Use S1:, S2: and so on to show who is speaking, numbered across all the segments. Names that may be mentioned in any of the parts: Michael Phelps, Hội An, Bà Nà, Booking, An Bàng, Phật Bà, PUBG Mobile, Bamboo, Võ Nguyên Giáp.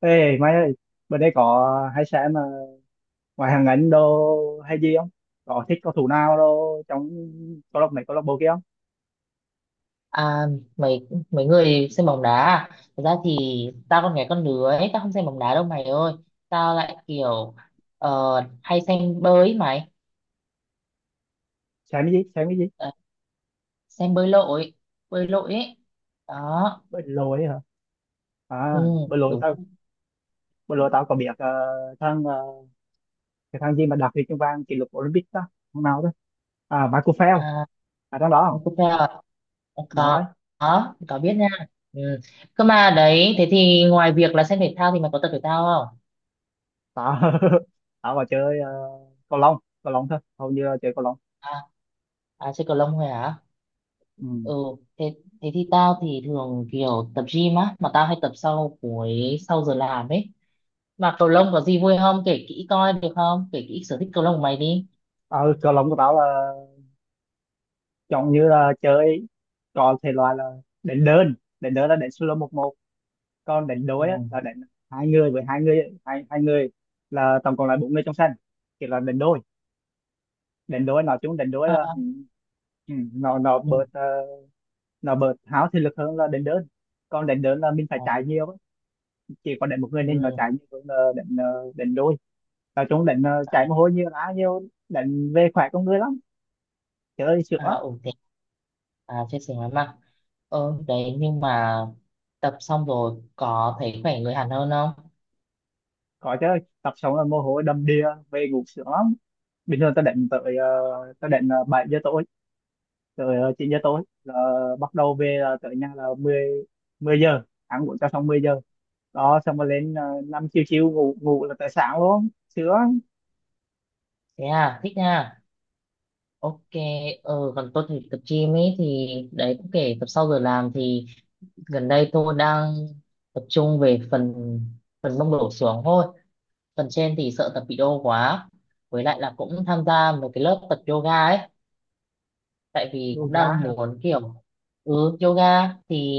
S1: Ê mày ơi, bên đây có hay xem mà ngoài hàng ảnh đồ hay gì không? Có thích cầu thủ nào đâu trong câu lạc này câu lạc bộ kia không?
S2: À, mấy mấy người xem bóng đá à? Thật ra thì tao con gái con đứa ấy, tao không xem bóng đá đâu mày ơi. Tao lại kiểu ờ, hay xem bơi ấy mày.
S1: Xem cái gì? Xem cái gì?
S2: Ờ, xem bơi lội ấy. Đó,
S1: Bên lối hả?
S2: ừ,
S1: À,
S2: đúng.
S1: bên lối tao có biết thằng cái thằng gì mà đạt huy chương vàng kỷ lục Olympic đó, thằng nào đó. À, Michael Phelps,
S2: À,
S1: à thằng đó,
S2: mày
S1: không?
S2: có theo à?
S1: Đúng
S2: Có,
S1: rồi.
S2: có biết nha. Ừ. Cơ mà đấy, thế thì ngoài việc là xem thể thao thì mày có tập thể thao không?
S1: Tao tao vào chơi cầu lông, cầu lông thôi, hầu như là chơi cầu lông.
S2: À, à chơi cầu lông thôi hả?
S1: Ừ.
S2: Ừ, thế thế thì tao thì thường kiểu tập gym á, mà tao hay tập sau cuối sau giờ làm ấy. Mà cầu lông có gì vui không, kể kỹ coi được không, kể kỹ sở thích cầu lông của mày đi.
S1: Ờ, cầu lông của tao là chọn như là chơi, còn thể loại là đánh đơn. Đánh đơn là đánh solo một một, còn đánh
S2: Ừ,
S1: đối á, là đánh hai người với hai người, hai hai người, là tổng cộng là bốn người trong sân, kiểu là đánh đôi. Đánh đôi nói chung đánh đôi là
S2: à,
S1: nó
S2: ừ,
S1: bớt nó bớt háo thể lực hơn là đánh đơn, còn đánh đơn là mình phải
S2: à,
S1: chạy nhiều á. Chỉ có đánh một người nên nó chạy
S2: ừ,
S1: nhiều hơn là đánh đánh đôi. Nói chung đánh
S2: à,
S1: chạy mồ hôi nhiều lá nhiều, đánh về khỏe con người lắm, chơi sướng
S2: à,
S1: lắm.
S2: ừ, thế à, chia sẻ với mà. Ừ đấy, nhưng mà tập xong rồi có thấy khỏe người hẳn hơn không?
S1: Có chứ, tập xong là mồ hôi đầm đìa, về ngủ sướng lắm. Bình thường ta định tới ta định 7 giờ tối tới 9 giờ tối là bắt đầu về, là tới nhà là 10 10 giờ, ăn uống cho xong 10 giờ đó, xong rồi lên 5 chiều chiều ngủ, ngủ là tới sáng luôn, sướng.
S2: Thế à, thích nha. Ok. Ừ, còn tôi thì tập gym ấy thì đấy, cũng kể tập sau giờ làm thì gần đây tôi đang tập trung về phần phần mông đổ xuống thôi. Phần trên thì sợ tập bị đau quá, với lại là cũng tham gia một cái lớp tập yoga ấy, tại vì
S1: Luôn
S2: cũng
S1: gá
S2: đang
S1: hả?
S2: muốn kiểu. Ừ, yoga thì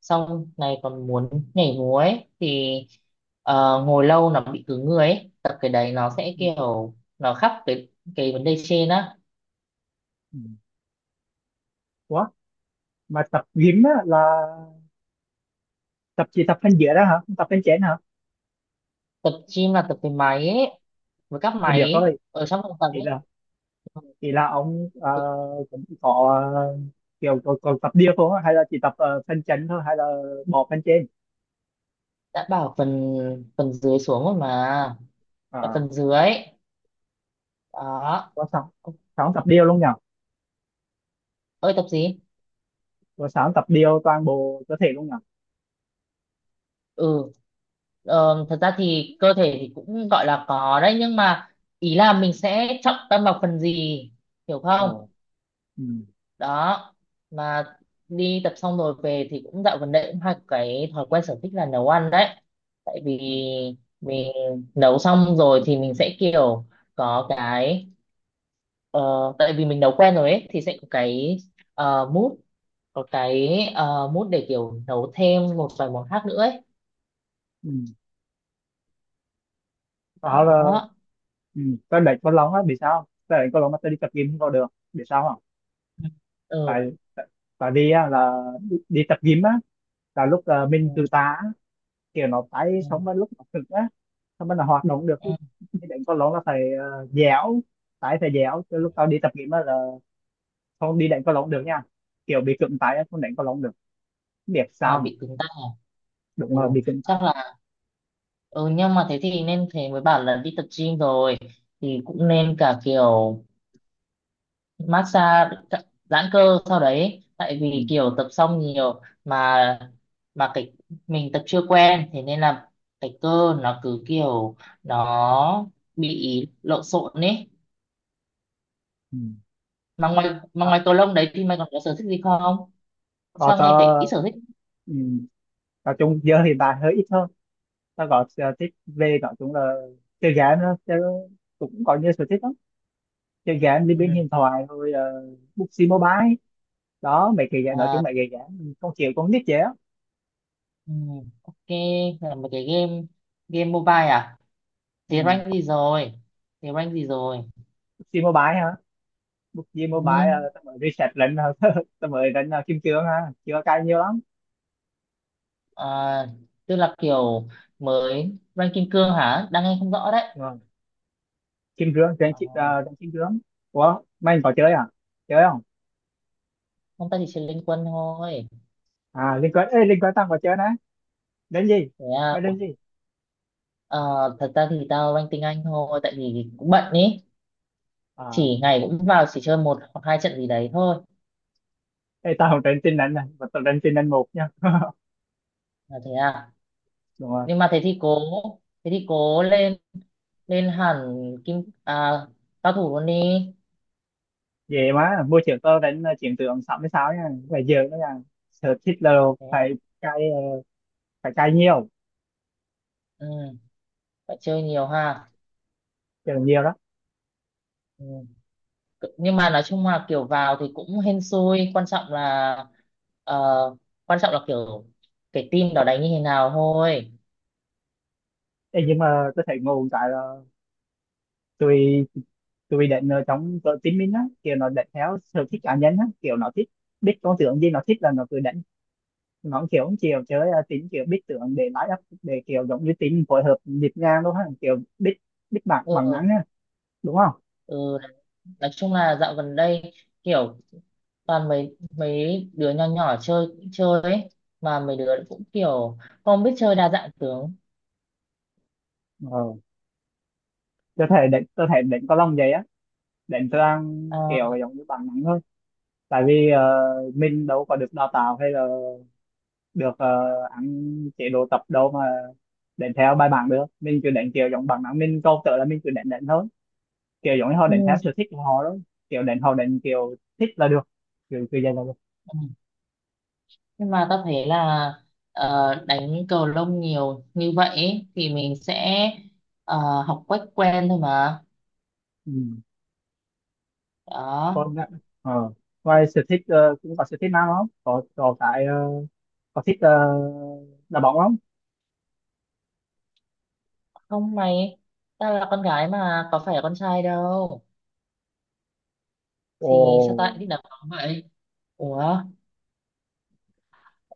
S2: xong này còn muốn nhảy múa ấy thì ngồi lâu nó bị cứng người ấy, tập cái đấy nó sẽ
S1: Ừ,
S2: kiểu nó khắc cái vấn đề trên á.
S1: ừ. Ủa mà tập gym á là tập, chỉ tập thân dưới đó hả, không tập thân trên hả?
S2: Tập gym là tập cái máy ấy, với các
S1: Thì
S2: máy
S1: biết
S2: ấy,
S1: rồi,
S2: ở trong phòng tập
S1: thì
S2: ấy.
S1: là thì là ông cũng có kiểu có tập điều không á? Hay là chỉ tập phần chấn thôi, hay là bỏ phần trên?
S2: Đã bảo phần phần dưới xuống rồi mà, là
S1: À,
S2: phần dưới đó.
S1: có sáu, sáu tập điều luôn nhỉ?
S2: Ơi tập gì.
S1: Có sáu tập điều toàn bộ cơ thể luôn nhỉ?
S2: Ừ, thật ra thì cơ thể thì cũng gọi là có đấy nhưng mà ý là mình sẽ trọng tâm vào phần gì, hiểu
S1: Ờ.
S2: không.
S1: Ừ.
S2: Đó, mà đi tập xong rồi về thì cũng dạo gần đây cũng hay có cái thói quen sở thích là nấu ăn đấy. Tại vì
S1: Ừ.
S2: mình nấu xong rồi thì mình sẽ kiểu có cái, ờ, tại vì mình nấu quen rồi ấy thì sẽ có cái, mood, có cái mút để kiểu nấu thêm một vài món khác nữa ấy.
S1: Ừ. Đó là
S2: Đó.
S1: ừ. Tôi đánh con lóng á, vì sao tôi đánh con lóng mà tôi đi tập gym không có được, vì sao không?
S2: Ừ.
S1: Tại tại tại vì á, là đi, đi tập gym á là lúc
S2: Ừ.
S1: mình từ tá, kiểu nó tay
S2: Ừ.
S1: xong rồi lúc nó cực á, xong rồi nó hoạt động được
S2: Ừ.
S1: lúc đi đánh cầu lông là phải dẻo, tay phải dẻo, chứ lúc tao đi tập gym á là không đi đánh cầu lông được nha, kiểu bị cứng tay á, không đánh cầu lông được. Không biết
S2: À,
S1: sao nữa.
S2: bị cứng tay à? Ừ.
S1: Đúng là bị cứng tay.
S2: Chắc là, ừ, nhưng mà thế thì nên, thế mới bảo là đi tập gym rồi thì cũng nên cả kiểu massage, giãn cơ sau đấy, tại vì
S1: Ừ.
S2: kiểu tập xong nhiều Mà cái mình tập chưa quen, thế nên là cái cơ nó cứ kiểu nó bị lộn xộn ấy.
S1: Ừ.
S2: mà ngoài mà
S1: Đó,
S2: ngoài cầu lông đấy thì mày còn có sở thích gì không?
S1: còn
S2: Sao nghe thấy
S1: tao
S2: ít sở thích.
S1: ừ, nói chung giờ hiện tại hơi ít hơn. Tao có sở thích về nói chung là chơi game đó chứ, cũng có nhiều sở thích lắm. Chơi game đi, bên
S2: Ừ.
S1: điện thoại rồi bút mobile. Đó mấy cái game, nói
S2: À,
S1: chung mấy cái game không chịu con nít vậy á.
S2: ừ. Ok, là một cái game game mobile à? Thế
S1: Ừ.
S2: rank gì rồi? thế rank gì rồi
S1: PUBG Mobile hả? PUBG Mobile
S2: ừ.
S1: tao mới reset lệnh tao mới đánh kim cương ha, chưa cài nhiều lắm.
S2: À, tức là kiểu mới rank kim cương hả, đang nghe không rõ đấy.
S1: Nhưng kim cương trên
S2: À,
S1: chip trên kim cương. Ủa, mày có chơi à? Chơi không?
S2: không, ta chỉ chơi liên quân thôi.
S1: À liên quan, ê liên quan tao có chơi đấy. Đến gì?
S2: Thế à,
S1: Mày
S2: ủa,
S1: đến gì?
S2: ờ, thật ra thì tao rank tiếng Anh thôi tại vì cũng bận ý,
S1: À
S2: chỉ ngày cũng vào chỉ chơi một hoặc hai trận gì đấy thôi.
S1: ê, tao không đánh tin đánh này, mà tao đánh tin đánh một nha.
S2: Là thế à.
S1: Đúng rồi.
S2: Nhưng mà thế thì cố lên, lên hẳn kim à, cao thủ luôn đi.
S1: Về má mua chiều tao đánh chiến tượng 66 nha. Bây giờ nó là sở thích, là
S2: Thế ạ.
S1: phải cài phải cài nhiều,
S2: Ừ, phải chơi nhiều ha.
S1: chơi nhiều đó.
S2: Ừ. Nhưng mà nói chung là kiểu vào thì cũng hên xui, quan trọng là ờ, quan trọng là kiểu cái team đó đánh như thế nào thôi.
S1: Ê, nhưng mà tôi thấy ngu một cái là tụi tôi định ở trong cỡ tin mình á, kiểu nó định theo sở thích cá nhân á, kiểu nó thích biết con tưởng gì, nó thích là nó cứ định, nó kiểu không chiều chơi tính kiểu biết tưởng để lái up, để kiểu giống như tính phối hợp nhịp nhàng luôn á, kiểu biết biết bằng bằng
S2: Ừ,
S1: nắng á, đúng không?
S2: ừ. Nói chung là dạo gần đây kiểu toàn mấy mấy đứa nhỏ nhỏ chơi chơi ấy, mà mấy đứa cũng kiểu không biết chơi đa dạng tướng.
S1: Ờ, tôi thể định có lòng vậy á, định tôi đang
S2: À,
S1: kiểu giống như bằng nắng thôi, tại vì mình đâu có được đào tạo hay là được ăn chế độ tập đâu mà định theo bài bản được, mình cứ định kiểu giống bằng nắng, mình câu tự là mình cứ định định thôi, kiểu giống như họ đánh theo
S2: ừ.
S1: sở thích của họ đó, kiểu đánh họ đánh kiểu thích là được, kiểu kiểu vậy là được.
S2: Ừ. Nhưng mà tao thấy là đánh cầu lông nhiều như vậy ấy, thì mình sẽ ờ, học quách quen thôi mà.
S1: Ừ.
S2: Đó.
S1: Còn lại- ờ, ngoài sở thích cũng có sở thích nào không, có có thích đá bóng không?
S2: Không mày, tao là con gái mà, có phải là con trai đâu
S1: Ồ,
S2: thì sao tao lại thích đá bóng vậy. Ủa,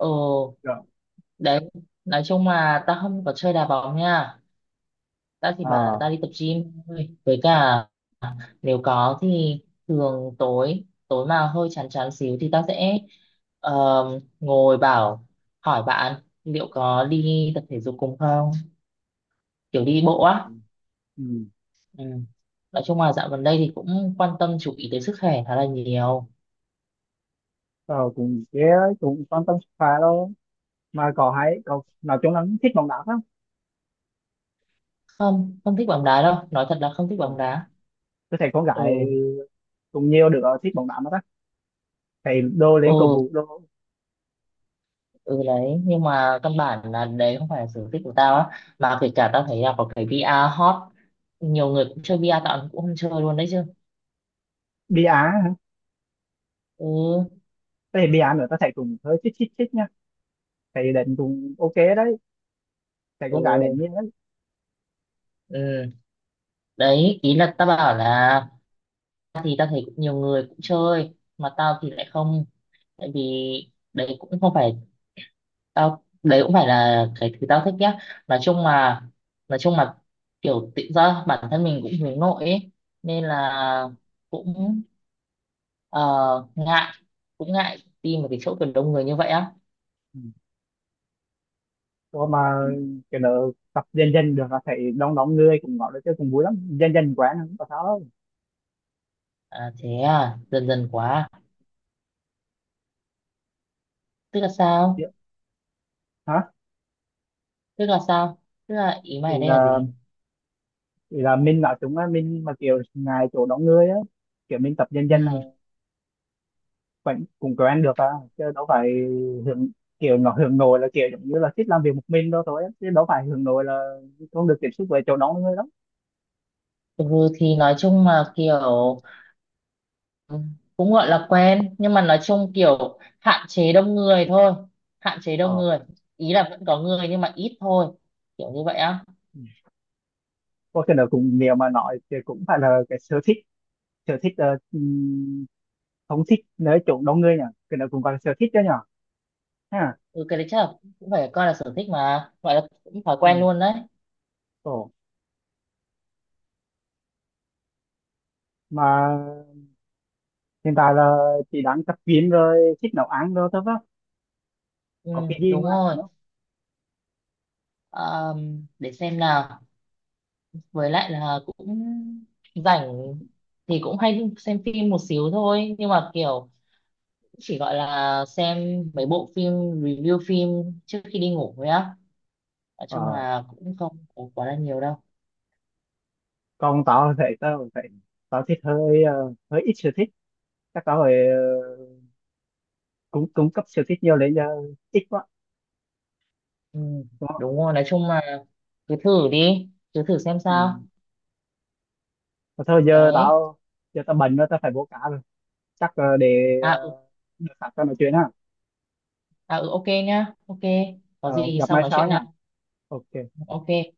S2: ừ
S1: rồi.
S2: đấy. Nói chung là tao không có chơi đá bóng nha, tao chỉ bảo là
S1: À,
S2: tao đi tập gym thôi, với cả nếu có thì thường tối tối mà hơi chán chán xíu thì ta sẽ ngồi bảo, hỏi bạn liệu có đi tập thể dục cùng không, kiểu đi bộ á.
S1: ừ.
S2: Ừ. Nói chung là dạo gần đây thì cũng quan tâm chú ý tới sức khỏe khá là nhiều.
S1: Ờ, cũng cái cũng quan tâm sức khỏe đâu, mà có hay có nói chung là cũng thích bóng đá không?
S2: Không, không thích bóng đá đâu, nói thật là không thích bóng
S1: Ồ.
S2: đá.
S1: Tôi thấy con gái
S2: Ừ,
S1: cũng nhiều đứa thích bóng đá mà, ta thấy đô lên cầu
S2: ừ,
S1: vũ đô.
S2: ừ đấy. Nhưng mà căn bản là đấy không phải là sở thích của tao á, mà kể cả tao thấy là có cái VR hot, nhiều người cũng chơi VR tao cũng không chơi luôn đấy chứ.
S1: Bia á? Hả?
S2: Ừ,
S1: Thế bia nữa ta thấy cũng hơi thích thích thích nha, thì định cũng ok đấy, thì
S2: ừ,
S1: cũng cả định như đấy.
S2: ừ. Đấy ý là tao bảo là thì tao thấy cũng nhiều người cũng chơi mà tao thì lại không, tại vì đấy cũng không phải, tao đấy cũng phải là cái thứ tao thích nhá. nói chung là nói chung là kiểu tự do bản thân mình cũng hướng nội ấy, nên là cũng ờ, ngại cũng ngại đi một cái chỗ kiểu đông người như vậy á.
S1: Ừ. Còn mà kiểu nữa, tập dần dần được là thầy đông đông người cũng gọi là chơi cũng vui lắm, dần dần quen không có sao đâu.
S2: À, thế à, dần dần quá, tức là sao?
S1: Chứ- hả?
S2: tức là sao Tức là ý mày
S1: thì
S2: ở đây là
S1: là
S2: gì?
S1: thì là mình nói chúng là mình mà kiểu ngày chỗ đông người á, kiểu mình tập dần dần
S2: Ừ.
S1: là vẫn cũng quen được à, chứ đâu phải hưởng, kiểu nó hưởng nội là kiểu giống như là thích làm việc một mình đâu thôi á. Chứ đâu phải hưởng nội là không được tiếp xúc với chỗ đông người lắm.
S2: Ừ, thì nói chung là
S1: Ừ.
S2: kiểu, ừ, cũng gọi là quen nhưng mà nói chung kiểu hạn chế đông người thôi, hạn chế
S1: Ờ.
S2: đông người, ý là vẫn có người nhưng mà ít thôi, kiểu như vậy á.
S1: Ừ. Có cái nào cũng nếu mà nói thì cũng phải là cái sở thích, sở thích không thích nơi chỗ đông người nhỉ, cái đó cũng gọi là sở thích đó nhỉ, ha?
S2: Ừ, cái đấy chắc là cũng phải coi là sở thích mà gọi là cũng thói quen
S1: Ừ.
S2: luôn đấy.
S1: Ồ. Mà hiện tại là chị đang tập gym rồi, thích nấu ăn rồi thôi đó,
S2: Ừ,
S1: có cái gì
S2: đúng
S1: ngoài cảnh
S2: rồi.
S1: không?
S2: Để xem nào, với lại là cũng rảnh thì cũng hay xem phim một xíu thôi nhưng mà kiểu chỉ gọi là xem mấy bộ phim review phim trước khi đi ngủ thôi á, nói chung
S1: Ờ.
S2: là cũng không có quá là nhiều đâu.
S1: Còn tao thì tao cũng phải, tao thích hơi hơi ít sở thích, chắc tao phải cũng cũng cấp sở thích nhiều lên, giờ ít quá,
S2: Ừ,
S1: đúng không?
S2: đúng rồi, nói chung là cứ thử đi, cứ thử xem
S1: Ừ.
S2: sao.
S1: Mà thôi giờ
S2: Đấy.
S1: tao, giờ tao bệnh rồi, tao phải bố cá rồi, chắc để
S2: À, ừ,
S1: được sẵn tao nói chuyện ha,
S2: à, ừ, ok nhá, ok, có gì
S1: ờ,
S2: thì
S1: gặp
S2: sau
S1: mai
S2: nói
S1: sau
S2: chuyện
S1: nha,
S2: nha.
S1: ok.
S2: Ok.